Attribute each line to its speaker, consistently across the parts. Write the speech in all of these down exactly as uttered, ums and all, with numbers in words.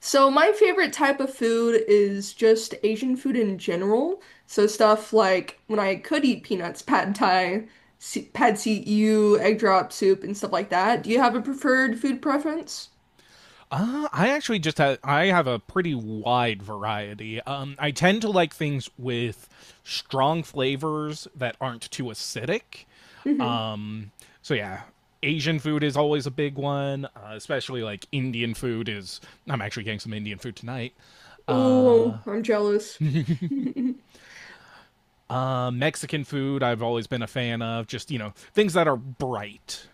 Speaker 1: So my favorite type of food is just Asian food in general. So stuff like when I could eat peanuts, pad thai, se- pad see ew, egg drop soup, and stuff like that. Do you have a preferred food preference?
Speaker 2: Uh, I actually just have I have a pretty wide variety. Um, I tend to like things with strong flavors that aren't too acidic.
Speaker 1: Hmm.
Speaker 2: Um, so yeah, Asian food is always a big one, uh, especially like Indian food is. I'm actually getting some Indian food tonight.
Speaker 1: Ooh, I'm jealous.
Speaker 2: Uh, Mexican food I've always been a fan of. Just you know things that are bright.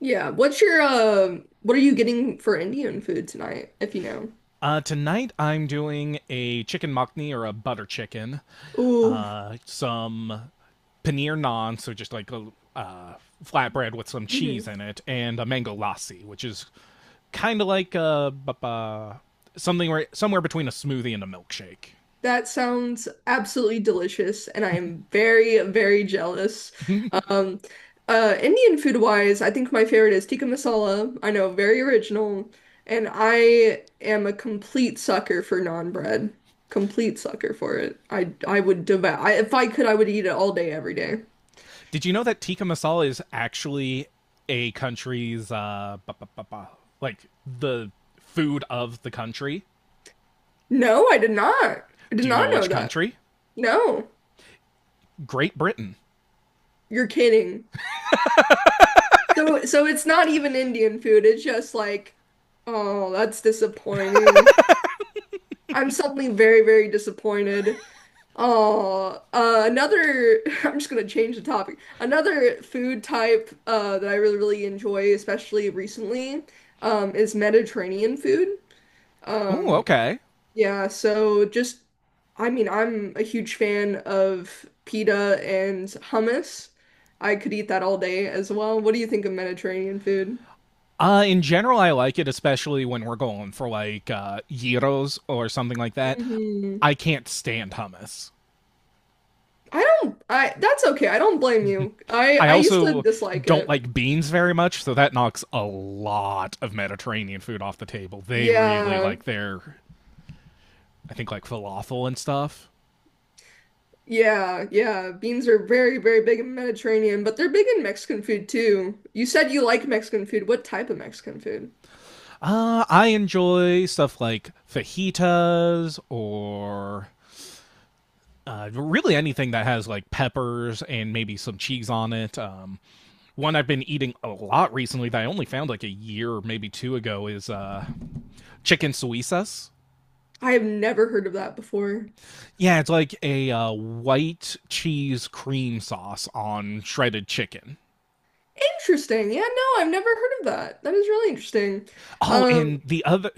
Speaker 1: Yeah, what's your um? what are you getting for Indian food tonight, if you know?
Speaker 2: Uh, tonight I'm doing a chicken makhni or a butter chicken,
Speaker 1: Ooh.
Speaker 2: uh, some paneer naan, so just like a uh, flatbread with some cheese
Speaker 1: Mhm.
Speaker 2: in it, and a mango lassi, which is kind of like a bu- something where, somewhere between a smoothie and a milkshake.
Speaker 1: That sounds absolutely delicious, and I am very, very jealous. Um, uh, Indian food wise, I think my favorite is tikka masala. I know, very original, and I am a complete sucker for naan bread. Complete sucker for it. I I would devour. I, if I could, I would eat it all day, every day.
Speaker 2: Did you know that tikka masala is actually a country's uh, like the food of the country?
Speaker 1: No, I did not. I did
Speaker 2: Do you know
Speaker 1: not know
Speaker 2: which
Speaker 1: that.
Speaker 2: country?
Speaker 1: No,
Speaker 2: Great Britain.
Speaker 1: you're kidding. So, so it's not even Indian food. It's just like, oh, that's disappointing. I'm suddenly very, very disappointed. Oh, uh, another, I'm just gonna change the topic. Another food type uh, that I really, really enjoy, especially recently, um, is Mediterranean food.
Speaker 2: Ooh,
Speaker 1: Um,
Speaker 2: okay.
Speaker 1: yeah, so just, I mean, I'm a huge fan of pita and hummus. I could eat that all day as well. What do you think of Mediterranean food?
Speaker 2: Uh, in general, I like it, especially when we're going for like uh, gyros or something like that.
Speaker 1: Hmm.
Speaker 2: I can't stand hummus.
Speaker 1: I don't, I, that's okay. I don't blame you. I,
Speaker 2: I
Speaker 1: I used to
Speaker 2: also
Speaker 1: dislike
Speaker 2: don't
Speaker 1: it.
Speaker 2: like beans very much, so that knocks a lot of Mediterranean food off the table. They really
Speaker 1: Yeah,
Speaker 2: like their, I think, like falafel and stuff.
Speaker 1: yeah, yeah. Beans are very, very big in Mediterranean, but they're big in Mexican food too. You said you like Mexican food. What type of Mexican food?
Speaker 2: Uh, I enjoy stuff like fajitas or uh, really anything that has like peppers and maybe some cheese on it. Um, one I've been eating a lot recently that I only found like a year, maybe two ago, is uh, chicken suizas.
Speaker 1: I have never heard of that before.
Speaker 2: Yeah, it's like a uh, white cheese cream sauce on shredded chicken.
Speaker 1: Interesting. Yeah, no, I've never heard of that. That is really interesting.
Speaker 2: Oh,
Speaker 1: Um,
Speaker 2: and the other.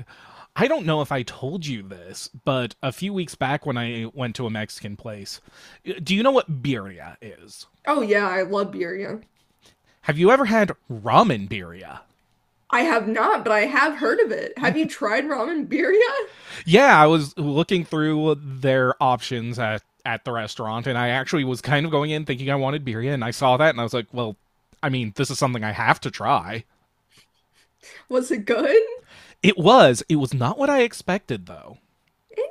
Speaker 2: I don't know if I told you this, but a few weeks back when I went to a Mexican place, do you know what birria is?
Speaker 1: oh yeah, I love birria.
Speaker 2: Have you ever had ramen birria?
Speaker 1: I have not, but I have heard of it. Have you tried ramen birria?
Speaker 2: Yeah, I was looking through their options at, at the restaurant, and I actually was kind of going in thinking I wanted birria, and I saw that, and I was like, well, I mean, this is something I have to try.
Speaker 1: Was it good?
Speaker 2: It was. It was not what I expected, though.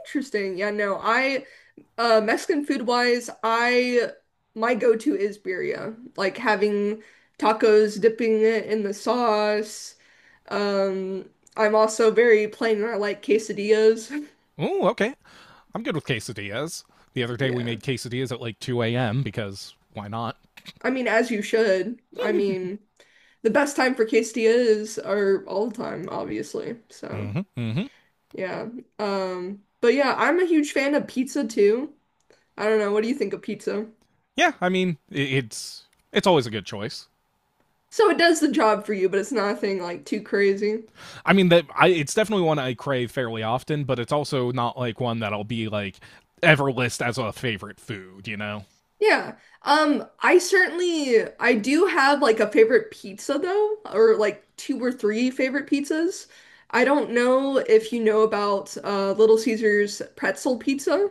Speaker 1: Interesting. Yeah, no, I Uh, Mexican food wise, I my go-to is birria. Like having tacos, dipping it in the sauce. Um, I'm also very plain and I like quesadillas.
Speaker 2: Ooh, okay. I'm good with quesadillas. The other day we
Speaker 1: Yeah.
Speaker 2: made quesadillas at like two a m because why not?
Speaker 1: I mean, as you should. I mean, the best time for quesadillas are all the time, obviously. So,
Speaker 2: Mm-hmm, mm-hmm.
Speaker 1: yeah. Um, but yeah, I'm a huge fan of pizza too. I don't know, what do you think of pizza?
Speaker 2: Yeah, I mean, it's it's always a good choice.
Speaker 1: So it does the job for you, but it's nothing like too crazy.
Speaker 2: I mean that I it's definitely one I crave fairly often, but it's also not like one that I'll be like ever list as a favorite food, you know.
Speaker 1: Yeah. Um, I certainly I do have like a favorite pizza though, or like two or three favorite pizzas. I don't know if you know about uh Little Caesar's pretzel pizza.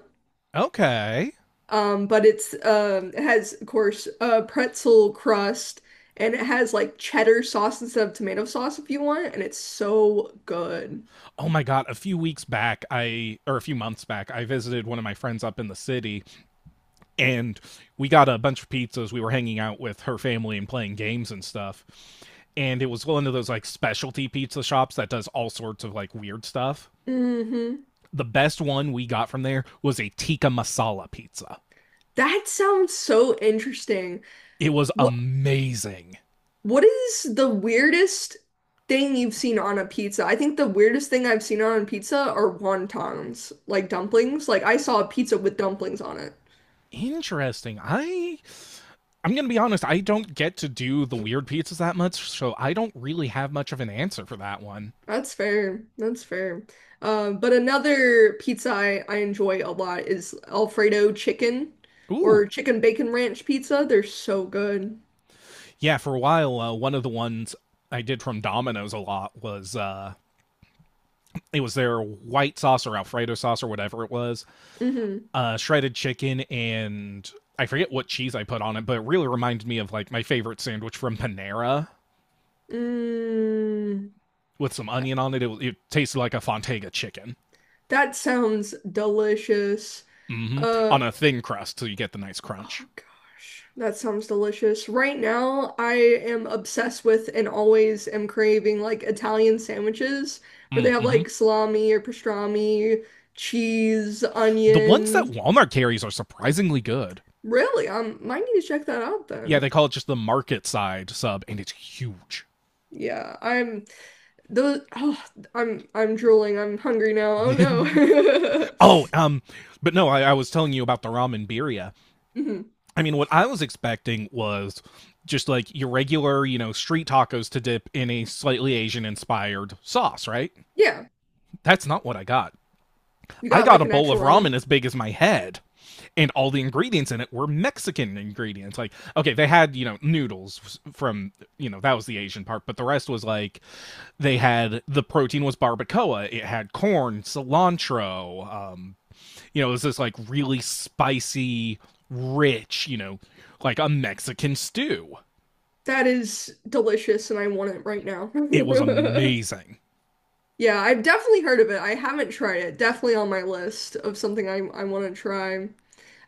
Speaker 2: Okay.
Speaker 1: Um, but it's um it has of course uh pretzel crust, and it has like cheddar sauce instead of tomato sauce if you want, and it's so good.
Speaker 2: Oh my god, a few weeks back, I or a few months back, I visited one of my friends up in the city and we got a bunch of pizzas. We were hanging out with her family and playing games and stuff. And it was one of those like specialty pizza shops that does all sorts of like weird stuff.
Speaker 1: Mm-hmm.
Speaker 2: The best one we got from there was a tikka masala pizza.
Speaker 1: That sounds so interesting.
Speaker 2: It was amazing.
Speaker 1: What is the weirdest thing you've seen on a pizza? I think the weirdest thing I've seen on a pizza are wontons, like dumplings. Like I saw a pizza with dumplings on it.
Speaker 2: Interesting. I I'm gonna be honest, I don't get to do the weird pizzas that much, so I don't really have much of an answer for that one.
Speaker 1: That's fair. That's fair. Um, but another pizza I, I enjoy a lot is Alfredo chicken or
Speaker 2: Ooh.
Speaker 1: chicken bacon ranch pizza. They're so good.
Speaker 2: Yeah, for a while, uh, one of the ones I did from Domino's a lot was uh it was their white sauce or Alfredo sauce or whatever it was,
Speaker 1: Mm-hmm.
Speaker 2: uh shredded chicken and I forget what cheese I put on it, but it really reminded me of like my favorite sandwich from Panera
Speaker 1: Mm.
Speaker 2: with some onion on it. It, it tasted like a Fontega chicken.
Speaker 1: That sounds delicious.
Speaker 2: Hmm
Speaker 1: Uh,
Speaker 2: On a thin crust, so you get the nice crunch.
Speaker 1: Oh gosh, that sounds delicious. Right now, I am obsessed with and always am craving like Italian sandwiches where they have
Speaker 2: Mm-hmm.
Speaker 1: like salami or pastrami, cheese,
Speaker 2: The ones that
Speaker 1: onion.
Speaker 2: Walmart carries are surprisingly good.
Speaker 1: Really, um, might need to check that out
Speaker 2: Yeah,
Speaker 1: then.
Speaker 2: they call it just the market side sub, and it's huge.
Speaker 1: Yeah, I'm those. Oh, I'm I'm drooling. I'm hungry now. Oh no.
Speaker 2: oh, um, but no, I, I was telling you about the ramen birria.
Speaker 1: Mhm.
Speaker 2: I mean, what I was expecting was just like your regular, you know, street tacos to dip in a slightly Asian inspired sauce, right?
Speaker 1: Yeah,
Speaker 2: That's not what I got.
Speaker 1: you
Speaker 2: I
Speaker 1: got
Speaker 2: got
Speaker 1: like
Speaker 2: a
Speaker 1: an
Speaker 2: bowl
Speaker 1: actual
Speaker 2: of
Speaker 1: ramen.
Speaker 2: ramen as big as my head, and all the ingredients in it were Mexican ingredients. Like, okay, they had, you know, noodles from, you know, that was the Asian part, but the rest was like they had the protein was barbacoa. It had corn, cilantro. Um, you know, it was this like really spicy, rich, you know, like a Mexican stew.
Speaker 1: That is delicious, and I want it right now.
Speaker 2: It was amazing.
Speaker 1: Yeah, I've definitely heard of it. I haven't tried it. Definitely on my list of something I I want to try.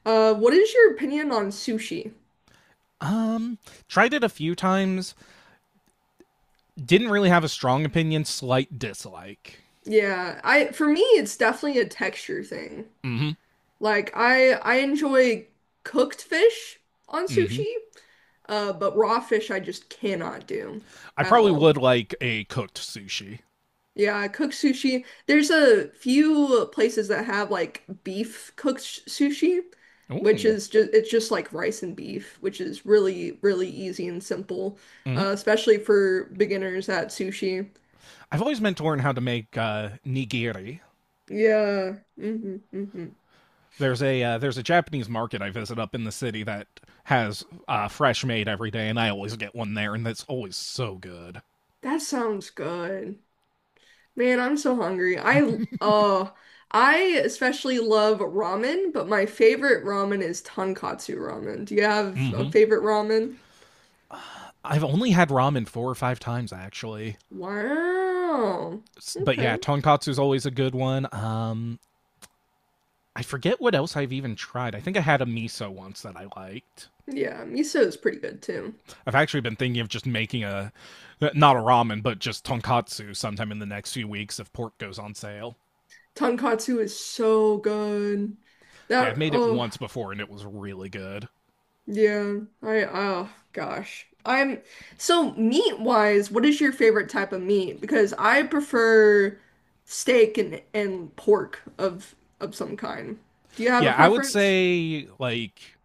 Speaker 1: Uh, what is your opinion on sushi?
Speaker 2: Um, Tried it a few times. Didn't really have a strong opinion. Slight dislike.
Speaker 1: Yeah, I for me it's definitely a texture thing.
Speaker 2: Mm-hmm.
Speaker 1: Like I I enjoy cooked fish on
Speaker 2: Mm-hmm.
Speaker 1: sushi, uh, but raw fish I just cannot do
Speaker 2: I
Speaker 1: at
Speaker 2: probably
Speaker 1: all.
Speaker 2: would like a cooked sushi.
Speaker 1: Yeah, cooked sushi. There's a few places that have like beef cooked sh- sushi, which
Speaker 2: Ooh.
Speaker 1: is just it's just like rice and beef, which is really really easy and simple,
Speaker 2: Mm-hmm.
Speaker 1: uh, especially for beginners at sushi.
Speaker 2: I've always meant to learn how to make uh, nigiri.
Speaker 1: Yeah. Hmm, hmm.
Speaker 2: There's a uh, there's a Japanese market I visit up in the city that has uh, fresh made every day, and I always get one there, and that's always so good.
Speaker 1: That sounds good. Man, I'm so hungry. I uh I especially love ramen, but my favorite ramen is tonkatsu ramen. Do you have a
Speaker 2: Hmm
Speaker 1: favorite ramen?
Speaker 2: I've only had ramen four or five times actually,
Speaker 1: Wow.
Speaker 2: but yeah,
Speaker 1: Okay.
Speaker 2: tonkatsu's always a good one. Um, I forget what else I've even tried. I think I had a miso once that I liked.
Speaker 1: Yeah, miso is pretty good too.
Speaker 2: I've actually been thinking of just making a not a ramen, but just tonkatsu sometime in the next few weeks if pork goes on sale.
Speaker 1: Tonkatsu is so good.
Speaker 2: Yeah,
Speaker 1: That
Speaker 2: I've made it
Speaker 1: Oh
Speaker 2: once before and it was really good.
Speaker 1: yeah, I oh gosh. I'm so meat wise, what is your favorite type of meat? Because I prefer steak and and pork of of some kind. Do you have a
Speaker 2: Yeah, I would
Speaker 1: preference?
Speaker 2: say like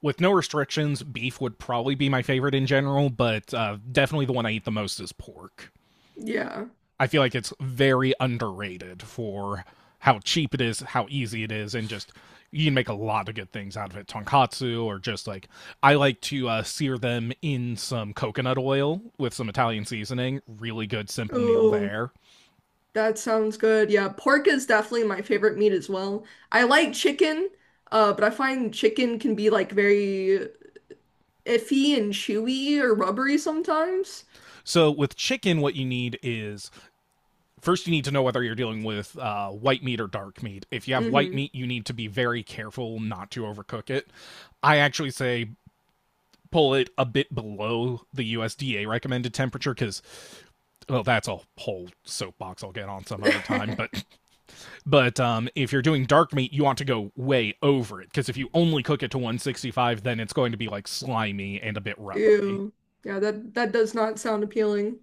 Speaker 2: with no restrictions, beef would probably be my favorite in general, but uh, definitely the one I eat the most is pork.
Speaker 1: Yeah.
Speaker 2: I feel like it's very underrated for how cheap it is, how easy it is, and just you can make a lot of good things out of it. Tonkatsu, or just like I like to uh, sear them in some coconut oil with some Italian seasoning. Really good, simple meal
Speaker 1: Oh,
Speaker 2: there.
Speaker 1: that sounds good. Yeah, pork is definitely my favorite meat as well. I like chicken, uh, but I find chicken can be like very iffy and chewy or rubbery sometimes.
Speaker 2: So, with chicken, what you need is first you need to know whether you're dealing with uh, white meat or dark meat. If you have white
Speaker 1: Mm-hmm.
Speaker 2: meat, you need to be very careful not to overcook it. I actually say pull it a bit below the U S D A recommended temperature because well that's a whole soapbox I'll get on some other time but but um if you're doing dark meat you want to go way over it because if you only cook it to one sixty-five then it's going to be like slimy and a bit rubbery
Speaker 1: Ew. Yeah, that that does not sound appealing.